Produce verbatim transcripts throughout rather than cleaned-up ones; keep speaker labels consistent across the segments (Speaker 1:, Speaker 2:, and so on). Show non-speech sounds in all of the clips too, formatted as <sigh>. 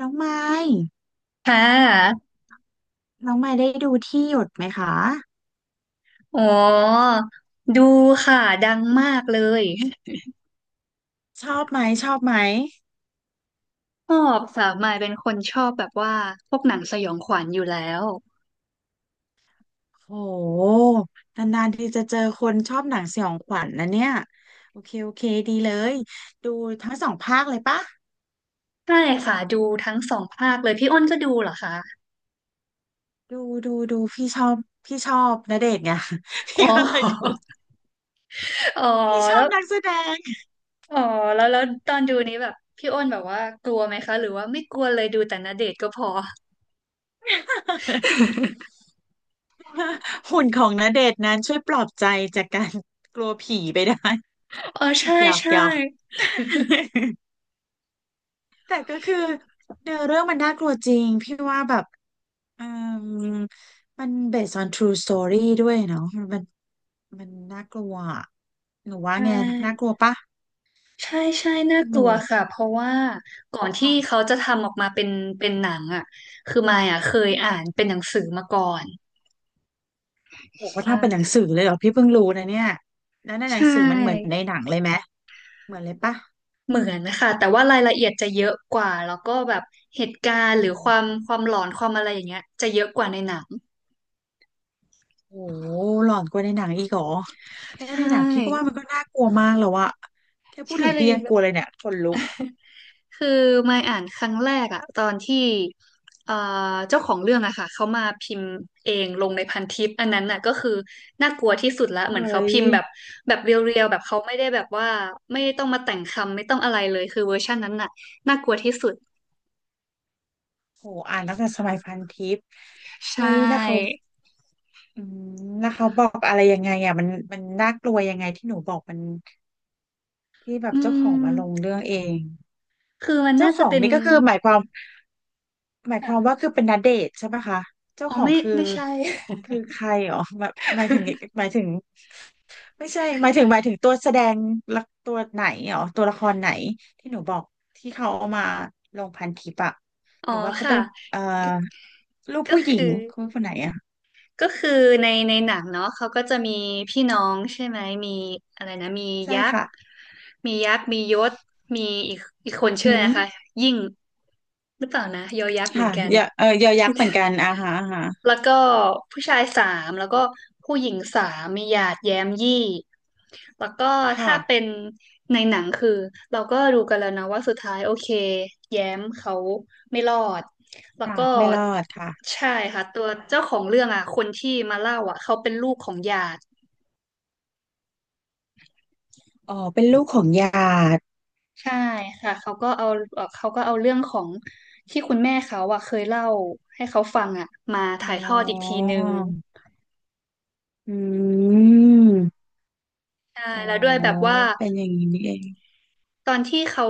Speaker 1: น้องไม้
Speaker 2: ค่ะ
Speaker 1: น้องไม้ได้ดูที่หยดไหมคะ
Speaker 2: อ๋อดูค่ะ ดังมากเลย
Speaker 1: ชอบไหมชอบไหม
Speaker 2: ชอบค่ะมายเป็นคนชอบแบบว่าพวกหนังสยองขวัญอยู่แล้ว
Speaker 1: โหนานๆทีจะเจอคนชอบหนังสยองขวัญนะเนี่ยโอเคโอเคดีเลย ดูทั้งสองภาคเลยปะ
Speaker 2: ใช่ค่ะ ดูทั้งสองภาคเลย พี่อ้นก็ดูเหรอคะ
Speaker 1: ดูดูดูพี่ชอบพี่ชอบณเดชน์ไง <laughs>
Speaker 2: อ๋
Speaker 1: พี่
Speaker 2: อ
Speaker 1: ก็เลยดู
Speaker 2: <laughs> อ๋อ
Speaker 1: พี่ชอ
Speaker 2: แล้
Speaker 1: บ
Speaker 2: ว
Speaker 1: นักแสดง
Speaker 2: อ๋อแล้วแล้วตอนดูนี้แบบพี่อ้นแบบว่ากลัวไหมคะ หรือว่าไม่กลัวเลยดูแต่ณเดชน์ก็พอ
Speaker 1: <laughs> หุ่นของณเดชน์นั้นช่วยปลอบใจจากการกลัวผีไปได้
Speaker 2: อ๋อใช่
Speaker 1: <laughs> หยอก
Speaker 2: ใช่
Speaker 1: หยอก <laughs> แต่ก็คือเนื้อเรื่องมันน่ากลัวจริงพี่ว่าแบบ อืมมัน based on true story ด้วยเนาะมันมันมันน่ากลัวอะหนูว่า
Speaker 2: ใช
Speaker 1: ไงน่ากลัว
Speaker 2: ่
Speaker 1: ปะ
Speaker 2: ใช่ใช่น่า
Speaker 1: ห
Speaker 2: กลั
Speaker 1: นู
Speaker 2: วค่ะเพราะว่าก่อนที่
Speaker 1: ค่ะ
Speaker 2: เขาจะทำออกมาเป็นเป็นหนังอ่ะคือมายอ่ะเคย
Speaker 1: อื
Speaker 2: อ่า
Speaker 1: ม
Speaker 2: นเป็นหนังสือมาก่อน
Speaker 1: โหเขา
Speaker 2: ใช่
Speaker 1: ทำเป็นหนังสือเลยเหรอพี่เพิ่งรู้นะเนี่ยแล้วในห
Speaker 2: ใช
Speaker 1: นังสือมันเหมือน
Speaker 2: ่
Speaker 1: ในหนังเลยไหมเหมือนเลยปะ
Speaker 2: เหมือนนะคะแต่ว่ารายละเอียดจะเยอะกว่าแล้วก็แบบเหตุการณ์ห
Speaker 1: อื
Speaker 2: รือค
Speaker 1: ม
Speaker 2: วามความหลอนความอะไรอย่างเงี้ยจะเยอะกว่าในหนัง
Speaker 1: โหหลอนกว่าในหนังอีกเหรอแค่
Speaker 2: ใช
Speaker 1: ในหนังพี่ก็ว่ามั
Speaker 2: ่
Speaker 1: นก็น่ากลัวมากแล้วอะแค่พูด
Speaker 2: ใช่
Speaker 1: ถึง
Speaker 2: เลย
Speaker 1: พี่ยังกลัวเลยเนี่ยขนลุก
Speaker 2: คือมายอ่านครั้งแรกอะตอนที่เอ่อเจ้าของเรื่องอะค่ะเขามาพิมพ์เองลงในพันทิปอันนั้นน่ะก็คือน่ากลัวที่สุดละ
Speaker 1: เฮ
Speaker 2: เหมือน
Speaker 1: ้
Speaker 2: เขา
Speaker 1: ย
Speaker 2: พิมพ์แบบแบบเรียวๆแบบเขาไม่ได้แบบว่าไม่ต้องมาแต่งคำไม่ต้องอะไรเลยคือเวอร์ชันนั้นน่ะน่ากลัวที่สุด
Speaker 1: โหอ่านตั้งแต่สมัยพันทิป
Speaker 2: ใช
Speaker 1: เฮ้ยแล้วเขา
Speaker 2: ่
Speaker 1: อืมแล้วเขาบอกอะไรยังไงอ่ะมันมันน่ากลัวยังไงที่หนูบอกมันที่แบบ
Speaker 2: อื
Speaker 1: เจ้าของมาลง
Speaker 2: ม
Speaker 1: เรื่องเอง
Speaker 2: คือมัน
Speaker 1: เจ้า
Speaker 2: น่า
Speaker 1: ข
Speaker 2: จะ
Speaker 1: อง
Speaker 2: เป็น
Speaker 1: นี่ก็คือหมายความหมายความว่า
Speaker 2: ค่ะ
Speaker 1: คือเป็นณเดชน์ใช่ปะคะเจ้า
Speaker 2: อ๋อ
Speaker 1: ของ
Speaker 2: ไม่
Speaker 1: คือ
Speaker 2: ไม่ใช่
Speaker 1: คือใครอ๋อหมายหมายถึงหมายถึงไม่ใช่หมายถึงหมายถึงตัวแสดงละตัวไหนอ๋อตัวละครไหนที่หนูบอกที่เขาเอามาลงพันทิปอะ
Speaker 2: <laughs> อ๋
Speaker 1: ห
Speaker 2: อ
Speaker 1: รือว่าเขา
Speaker 2: ค่ะ
Speaker 1: เป็นเอ่อ
Speaker 2: ก็
Speaker 1: ลูก
Speaker 2: ก็
Speaker 1: ผู้หญิ
Speaker 2: คือ
Speaker 1: งคนคนไหนอะ
Speaker 2: ก็คือในในหนังเนาะเขาก็จะมีพี่น้องใช่ไหมมีอะไรนะมี
Speaker 1: ใช่
Speaker 2: ยักษ์
Speaker 1: ค่ะ
Speaker 2: มียักษ์มียศมีอีกอีก
Speaker 1: อ
Speaker 2: คนชื่
Speaker 1: ื
Speaker 2: ออะไรนะคะ
Speaker 1: ม
Speaker 2: ยิ่งหรือเปล่านะยอยักษ์เหมือน
Speaker 1: ค่ะ
Speaker 2: กัน
Speaker 1: ยอเออยอยักษ์เหมือนกันอ่าฮะอ่าฮะ
Speaker 2: แล้วก็ผู้ชายสามแล้วก็ผู้หญิงสามมีหยาดแย้มยี่แล้วก็
Speaker 1: ค่ะ
Speaker 2: ถ้าเป็นในหนังคือเราก็รู้กันแล้วนะว่าสุดท้ายโอเคแย้มเขาไม่รอดแล้ว
Speaker 1: ค่ะ
Speaker 2: ก็
Speaker 1: ไม่รอดค่ะ
Speaker 2: ใช่ค่ะตัวเจ้าของเรื่องอ่ะคนที่มาเล่าอ่ะเขาเป็นลูกของหยาด
Speaker 1: อ๋อเป็นลูกของหยาด
Speaker 2: ใช่ค่ะเขาก็เอาเอ่อเขาก็เอาเรื่องของที่คุณแม่เขาอ่ะเคยเล่าให้เขาฟังอ่ะมา
Speaker 1: อ๋
Speaker 2: ถ่ายทอดอีกที
Speaker 1: อ
Speaker 2: นึง
Speaker 1: อืม
Speaker 2: ใช่
Speaker 1: อ๋อ
Speaker 2: แล้วด้วยแบบว่า
Speaker 1: เป็นอย่างนี้นี่เอง
Speaker 2: ตอนที่เขา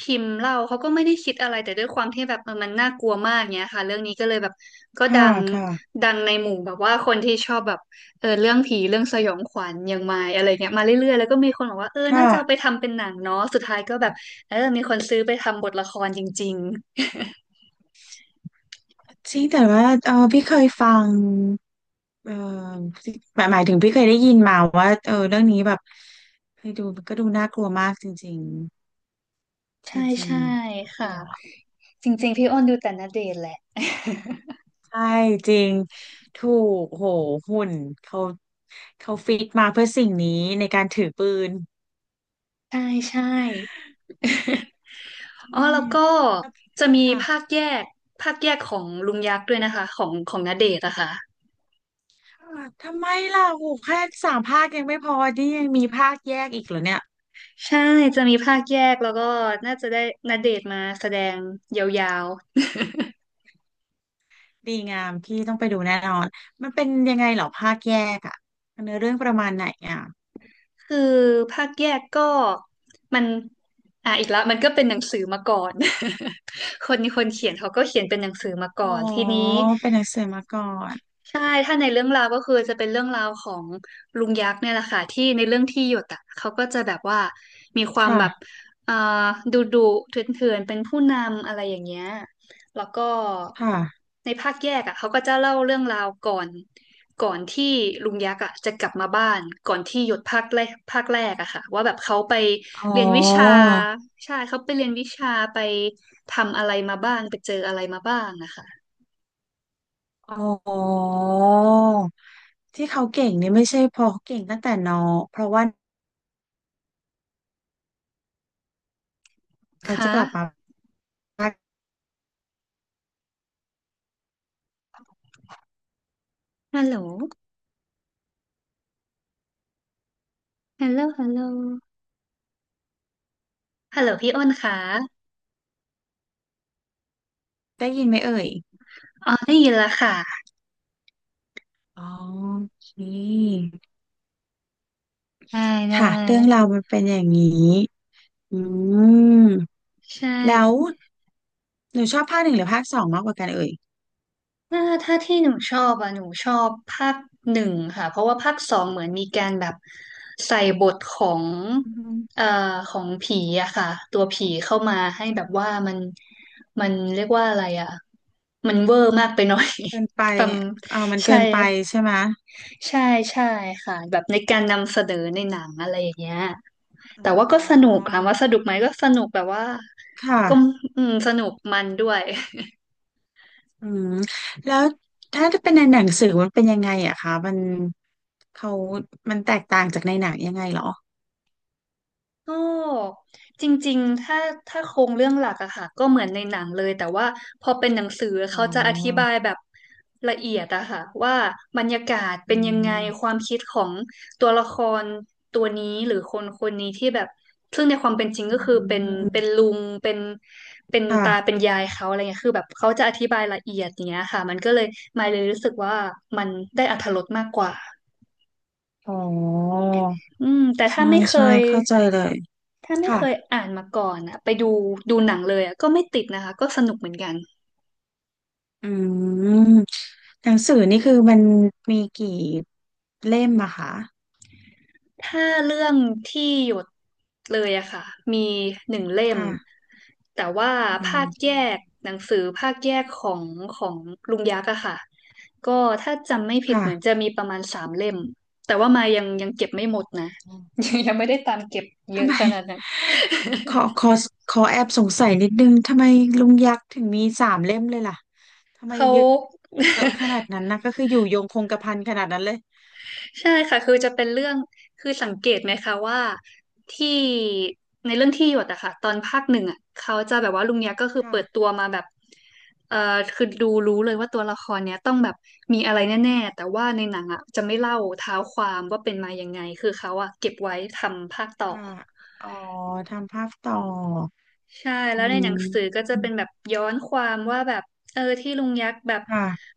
Speaker 2: พิมพ์เล่าเขาก็ไม่ได้คิดอะไรแต่ด้วยความที่แบบเออมันน่ากลัวมากเงี้ยค่ะเรื่องนี้ก็เลยแบบก็
Speaker 1: ค่ะ
Speaker 2: ดัง
Speaker 1: ค่ะ
Speaker 2: ดังในหมู่แบบว่าคนที่ชอบแบบเออเรื่องผีเรื่องสยองขวัญอย่างมายอะไรเงี้ยมาเรื่อยๆแล้วก็มีคนบอกว่าเออน่า
Speaker 1: ค่ะ
Speaker 2: จะเอาไปทำเป็นหนังเนาะสุดท้ายก็แบบเออมีคนซื้อไปทำบทละครจริง
Speaker 1: จริงแต่ว่าเออพี่เคยฟังเออหมายหมายถึงพี่เคยได้ยินมาว่าเออเรื่องนี้แบบเคยดูก็ดูน่ากลัวมากจริง
Speaker 2: ๆ
Speaker 1: ๆ
Speaker 2: <laughs>
Speaker 1: จ
Speaker 2: ใช่
Speaker 1: ริง
Speaker 2: ใช่
Speaker 1: ๆน่าก
Speaker 2: ค่ะ
Speaker 1: ลัว
Speaker 2: จริงๆพี่อ้นดูแต่ณเดชน์แหละ
Speaker 1: ใช่จริงถูกโหหุ่นเขาเขาฟิตมาเพื่อสิ่งนี้ในการถือปืน
Speaker 2: <laughs> ใช่ใช่ อ๋
Speaker 1: อื
Speaker 2: อแล้
Speaker 1: ม
Speaker 2: วก็
Speaker 1: แล้ว
Speaker 2: จะมีภา
Speaker 1: ค่ะ
Speaker 2: คแยกภาคแยกของลุงยักษ์ด้วยนะคะของของณเดชน์อะค่ะ
Speaker 1: อ่าทำไมล่ะโหแค่สามภาคยังไม่พอนี่ยังมีภาคแยกอีกเหรอเนี่ย
Speaker 2: ใช่จะมีภาคแยกแล้วก็น่าจะได้ณเดชน์มาแสดงยาว
Speaker 1: ดีงามพี่ต้องไปดูแน่นอนมันเป็นยังไงเหรอภาคแยกอ่ะเนื้อเรื่องประมาณไหนอ่ะ
Speaker 2: ๆคือภาคแยกก็มันอ่ะอีกแล้วมันก็เป็นหนังสือมาก่อน <laughs> คนคนเขียนเขาก็เขียนเป็นหนังสือมาก่
Speaker 1: อ๋อ
Speaker 2: อนทีนี้
Speaker 1: เป็นหนังสือมาก่อน
Speaker 2: ใช่ถ้าในเรื่องราวก็คือจะเป็นเรื่องราวของลุงยักษ์เนี่ยแหละค่ะที่ในเรื่องที่หยดอ่ะเขาก็จะแบบว่ามีความแบบ
Speaker 1: ค่ะ
Speaker 2: เอ่อดุดุเถื่อนๆเป็นผู้นำอะไรอย่างเงี้ยแล้วก็
Speaker 1: ค่ะ
Speaker 2: ในภาคแยกอ่ะเขาก็จะเล่าเรื่องราวก่อนก่อนที่ลุงยักษ์อ่ะจะกลับมาบ้านก่อนที่หยดภาคแรกภาคแรกอะค่ะว่าแบบเขาไป
Speaker 1: อ๋อ
Speaker 2: เรียนวิชาใช่เขาไปเรียนวิชาไปทำอะไรมาบ้างไปเจออะไรมาบ้างนะคะ
Speaker 1: อ๋อที่เขาเก่งนี่ไม่ใช่เพราะเขาเก่งตั้งแต่น้องเพราะว่า เขาจะ
Speaker 2: ค่ะ
Speaker 1: กลับมา
Speaker 2: ฮัลโหล ฮัลโหลฮัลโหลฮัลโหลพี่อ้นค่ะ
Speaker 1: ได้ยินไหมเอ่ย
Speaker 2: อ๋อได้ยินแล้วค่ะ
Speaker 1: อ๋อโอเค
Speaker 2: ได้ได้
Speaker 1: ค่ะเรื่องราวมันเป็นอย่างนี้อืม
Speaker 2: ใช่
Speaker 1: แล้วหนูชอบภาคหนึ่งหรือภาคสองมากกว่ากันเอ่ย
Speaker 2: ถ้าถ้าที่หนูชอบอ่ะหนูชอบภาคหนึ่งค่ะ เพราะว่าภาคสองเหมือนมีการแบบใส่บทของ
Speaker 1: อืม
Speaker 2: เอ่อของผีอะค่ะ ตัวผีเข้ามาให้แบบว่า
Speaker 1: ค่ะ
Speaker 2: มัน มันเรียกว่าอะไรอะมันเวอร์มากไปหน่อย
Speaker 1: เกินไป
Speaker 2: <laughs> ฟัง
Speaker 1: เออมันเกิ
Speaker 2: ใช่
Speaker 1: นไปใช่ไหม
Speaker 2: ใช่ใช่ค่ะแบบในการนำเสนอในหนังอะไรอย่างเงี้ย
Speaker 1: อ๋
Speaker 2: แต่ว่าก็สนุ
Speaker 1: อ
Speaker 2: กถามว่าสนุกไหมก็สนุกแบบว่า
Speaker 1: ค่ะ
Speaker 2: ก็อืมสนุกมันด้วย
Speaker 1: อืมแล้วถ้าจะเป็นในหนังสือมันเป็นยังไงอะคะมันเขามันแตกต่างจากในหนังยังไงเหรอ
Speaker 2: ก็จริงๆถ้าถ้าโครงเรื่องหลักอะค่ะก็เหมือนในหนังเลยแต่ว่าพอเป็นหนังสือ
Speaker 1: อ๋
Speaker 2: เขาจะอธิบา
Speaker 1: อ
Speaker 2: ยแบบละเอียดอะค่ะว่าบรรยากาศ
Speaker 1: อื
Speaker 2: เป็นยังไงค
Speaker 1: ม
Speaker 2: วามคิดของตัวละครตัวนี้หรือคนคนนี้ที่แบบซึ่งในความเป็นจริง
Speaker 1: อื
Speaker 2: ก็คือเป็นเป็น
Speaker 1: ม
Speaker 2: ลุงเป็นเป็น
Speaker 1: ค่ะ
Speaker 2: ตาเป็นยายเขาอะไรเงี้ยคือแบบเขาจะอธิบายละเอียดอย่างเงี้ยค่ะมันก็เลยมายเลยรู้สึกว่ามันได้อรรถรสมากกว่า
Speaker 1: อ๋อ
Speaker 2: อืมแต่ถ้า
Speaker 1: ใช่
Speaker 2: ไม่เค
Speaker 1: ใช่
Speaker 2: ย
Speaker 1: เข้าใจเลย
Speaker 2: ถ้าไม่
Speaker 1: ค่ะ
Speaker 2: เคยอ่านมาก่อนอะไปดูดูหนังเลยอะก็ไม่ติดนะคะก็สนุกเหมือนกัน
Speaker 1: อืมหนังสือนี่คือมันมีกี่เล่มอะคะ
Speaker 2: ถ้าเรื่องที่หยดเลยอะค่ะมีหนึ่งเล่ม
Speaker 1: ค่ะ
Speaker 2: แต่ว่า
Speaker 1: อื
Speaker 2: ภาคแยก
Speaker 1: ม
Speaker 2: หนังสือภาคแยกของของลุงยักษ์อะค่ะก็ถ้าจำไม่ผิด
Speaker 1: ค่ะ
Speaker 2: เหมือนจะมีประมาณสามเล่มแต่ว่ามายังยังเก็บไม่หมดนะ
Speaker 1: อ๋อ
Speaker 2: <laughs> ยังไม่ได้ตามเก็บเย
Speaker 1: ทำ
Speaker 2: อะ
Speaker 1: ไม
Speaker 2: ขนาดนั้น
Speaker 1: <laughs> ขอขอขอแอบสงสัยนิดนึงทำไมลุงยักษ์ถึงมีสามเล่มเลยล่ะทำไม
Speaker 2: เขา
Speaker 1: เยอะ
Speaker 2: <laughs>
Speaker 1: เยอะขนาดนั้นนะก็คืออยู่ยงคงกระพันขนาดนั้นเลย
Speaker 2: ใช่ค่ะคือจะเป็นเรื่องคือสังเกตไหมคะว่าที่ในเรื่องที่หยดอะค่ะตอนภาคหนึ่งอะเขาจะแบบว่าลุงเนี้ยก็คือ
Speaker 1: ค่ะ
Speaker 2: เปิดตัวมาแบบเอ่อคือดูรู้เลยว่าตัวละครเนี้ยต้องแบบมีอะไรแน่ๆแต่ว่าในหนังอะจะไม่เล่าเท้าความว่าเป็นมายังไงคือเขาอะเก็บไว้ทำภาคต่อ
Speaker 1: ค่ะอ๋อทำภาพต่อ
Speaker 2: ใช่แล้
Speaker 1: อื
Speaker 2: วในหนังสือ
Speaker 1: ม
Speaker 2: ก็จะเป็นแบบย้อนความว่าแบบเออที่ลุงยักษ์แบบ
Speaker 1: ค่ะ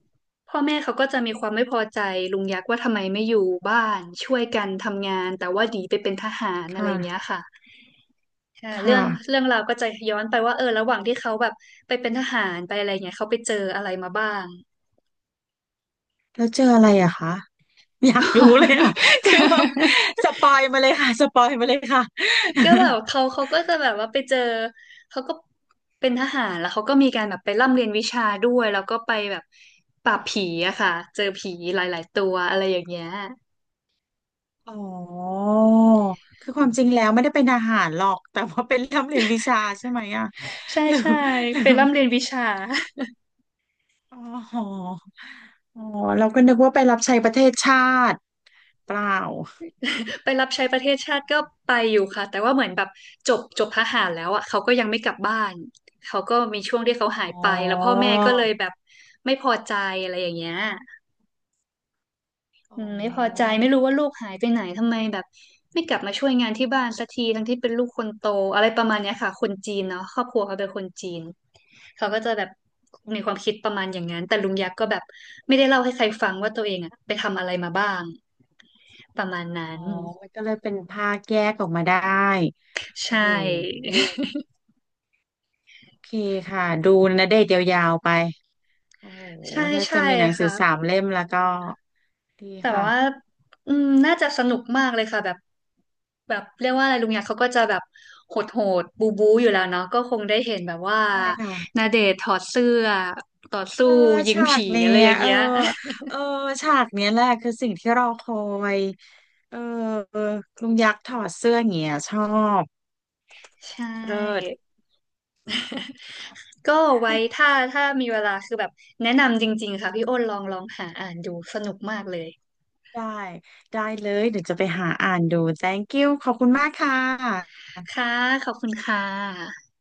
Speaker 2: พ่อแม่เขาก็จะมีความไม่พอใจลุงยักษ์ว่าทำไมไม่อยู่บ้านช่วยกันทำงานแต่ว่าหนีไปเป็นทหารอะไรอย่างเงี้ย
Speaker 1: ค่ะ
Speaker 2: ค่ะอ่าเรื่อ
Speaker 1: ค่ะ
Speaker 2: งเรื่องราวก็จะย้อนไปว่าเออระหว่างที่เขาแบบไปเป็นทหารไปอะไรเงี้ยเขาไปเจออะไรมาบ้าง
Speaker 1: แล้วเจออะไรอะคะอยากรู้เลยอะ <laughs> คือแบบ
Speaker 2: <laughs>
Speaker 1: สปอยมาเลยค่ะ <laughs> สปอยมาเลยค่ะ
Speaker 2: ก็
Speaker 1: <laughs>
Speaker 2: แบบเขาเขาก็จะแบบว่าไปเจอเขาก็เป็นทหารแล้วเขาก็มีการแบบไปร่ำเรียนวิชาด้วยแล้วก็ไปแบบปราบผีอะค่ะเจอผีหลายๆตัวอะไรอย่างเงี้ย
Speaker 1: อ๋อคือความจริงแล้วไม่ได้เป็นทหารหรอกแต่ว่าเป็นร่ำเรียนวิชาใช่ไหมอะ
Speaker 2: ใช่
Speaker 1: หรือ
Speaker 2: ใช่
Speaker 1: <laughs> หรือ
Speaker 2: ไปร่ำเรียนวิชา
Speaker 1: อ๋ออ๋อเราก็นึกว่าไปรับใช้ประเทศชาติเปล่า
Speaker 2: <laughs> ไปรับใช้ประเทศชาติก็ไปอยู่ค่ะแต่ว่าเหมือนแบบจบจบทหารแล้วอะเขาก็ยังไม่กลับบ้านเขาก็มีช่วงที่เขา
Speaker 1: อ
Speaker 2: หาย
Speaker 1: ๋อ
Speaker 2: ไปแล้วพ่อแม่ก็เลยแบบไม่พอใจอะไรอย่างเงี้ย
Speaker 1: อ๋
Speaker 2: อื
Speaker 1: อ
Speaker 2: มไม่พอใจไม่รู้ว่าลูกหายไปไหนทำไมแบบไม่กลับมาช่วยงานที่บ้านสักทีทั้งที่เป็นลูกคนโตอะไรประมาณเนี้ยค่ะคนจีนเนาะครอบครัวเขาเป็นคนจีนเขาก็จะแบบมีความคิดประมาณอย่างนั้นแต่ลุงยักษ์ก็แบบไม่ได้เล่าให้ใครฟังว่าตัวเองอะไปทำอะไรมาบ้างประมาณนั้
Speaker 1: อ๋
Speaker 2: น
Speaker 1: อมันก็เลยเป็นภาคแยกออกมาได้
Speaker 2: ใช
Speaker 1: โอ้โห
Speaker 2: ่
Speaker 1: โอเคค่ะดูณเดชยาวๆไป โอ้โห
Speaker 2: <laughs> ใช่
Speaker 1: ถ้าจะ
Speaker 2: ใช่
Speaker 1: มีหนังสือ
Speaker 2: ค่ะ
Speaker 1: สามเล่มแล้วก็ดี
Speaker 2: แต่แบบ
Speaker 1: ค่ะ
Speaker 2: ว่าอืมน่าจะสนุกมากเลยค่ะแบบแบบเรียกว่าอะไรลุงยักษ์เขาก็จะแบบโหดโหดบูบูอยู่แล้วเนาะก็คงได้เห็นแบบว่า
Speaker 1: ใช่ค่ะ
Speaker 2: ณเดชน์ถอดเสื้อต่อสู้
Speaker 1: เออ
Speaker 2: ยิง
Speaker 1: ฉาก
Speaker 2: ผี
Speaker 1: เนี้
Speaker 2: อะไร
Speaker 1: ย
Speaker 2: อย่าง
Speaker 1: เออ
Speaker 2: เงี้ย
Speaker 1: เออฉากเนี้ยแหละคือสิ่งที่เราคอย เออ ลุงยักษ์ถอดเสื้อเงี้ยชอบ
Speaker 2: <laughs> ใช
Speaker 1: เลิศ
Speaker 2: ่ ก็ไว้
Speaker 1: <laughs>
Speaker 2: ถ้าถ้ามีเวลาคือแบบแนะนำจริงๆค่ะพี่อ้นลองลองหาอ่านดูสนุกมากเลย
Speaker 1: ได้ ได้เลยเดี๋ยวจะไปหาอ่านดู thank you ขอบคุณมากค่ะ
Speaker 2: ค่ะขอบคุณค่ะ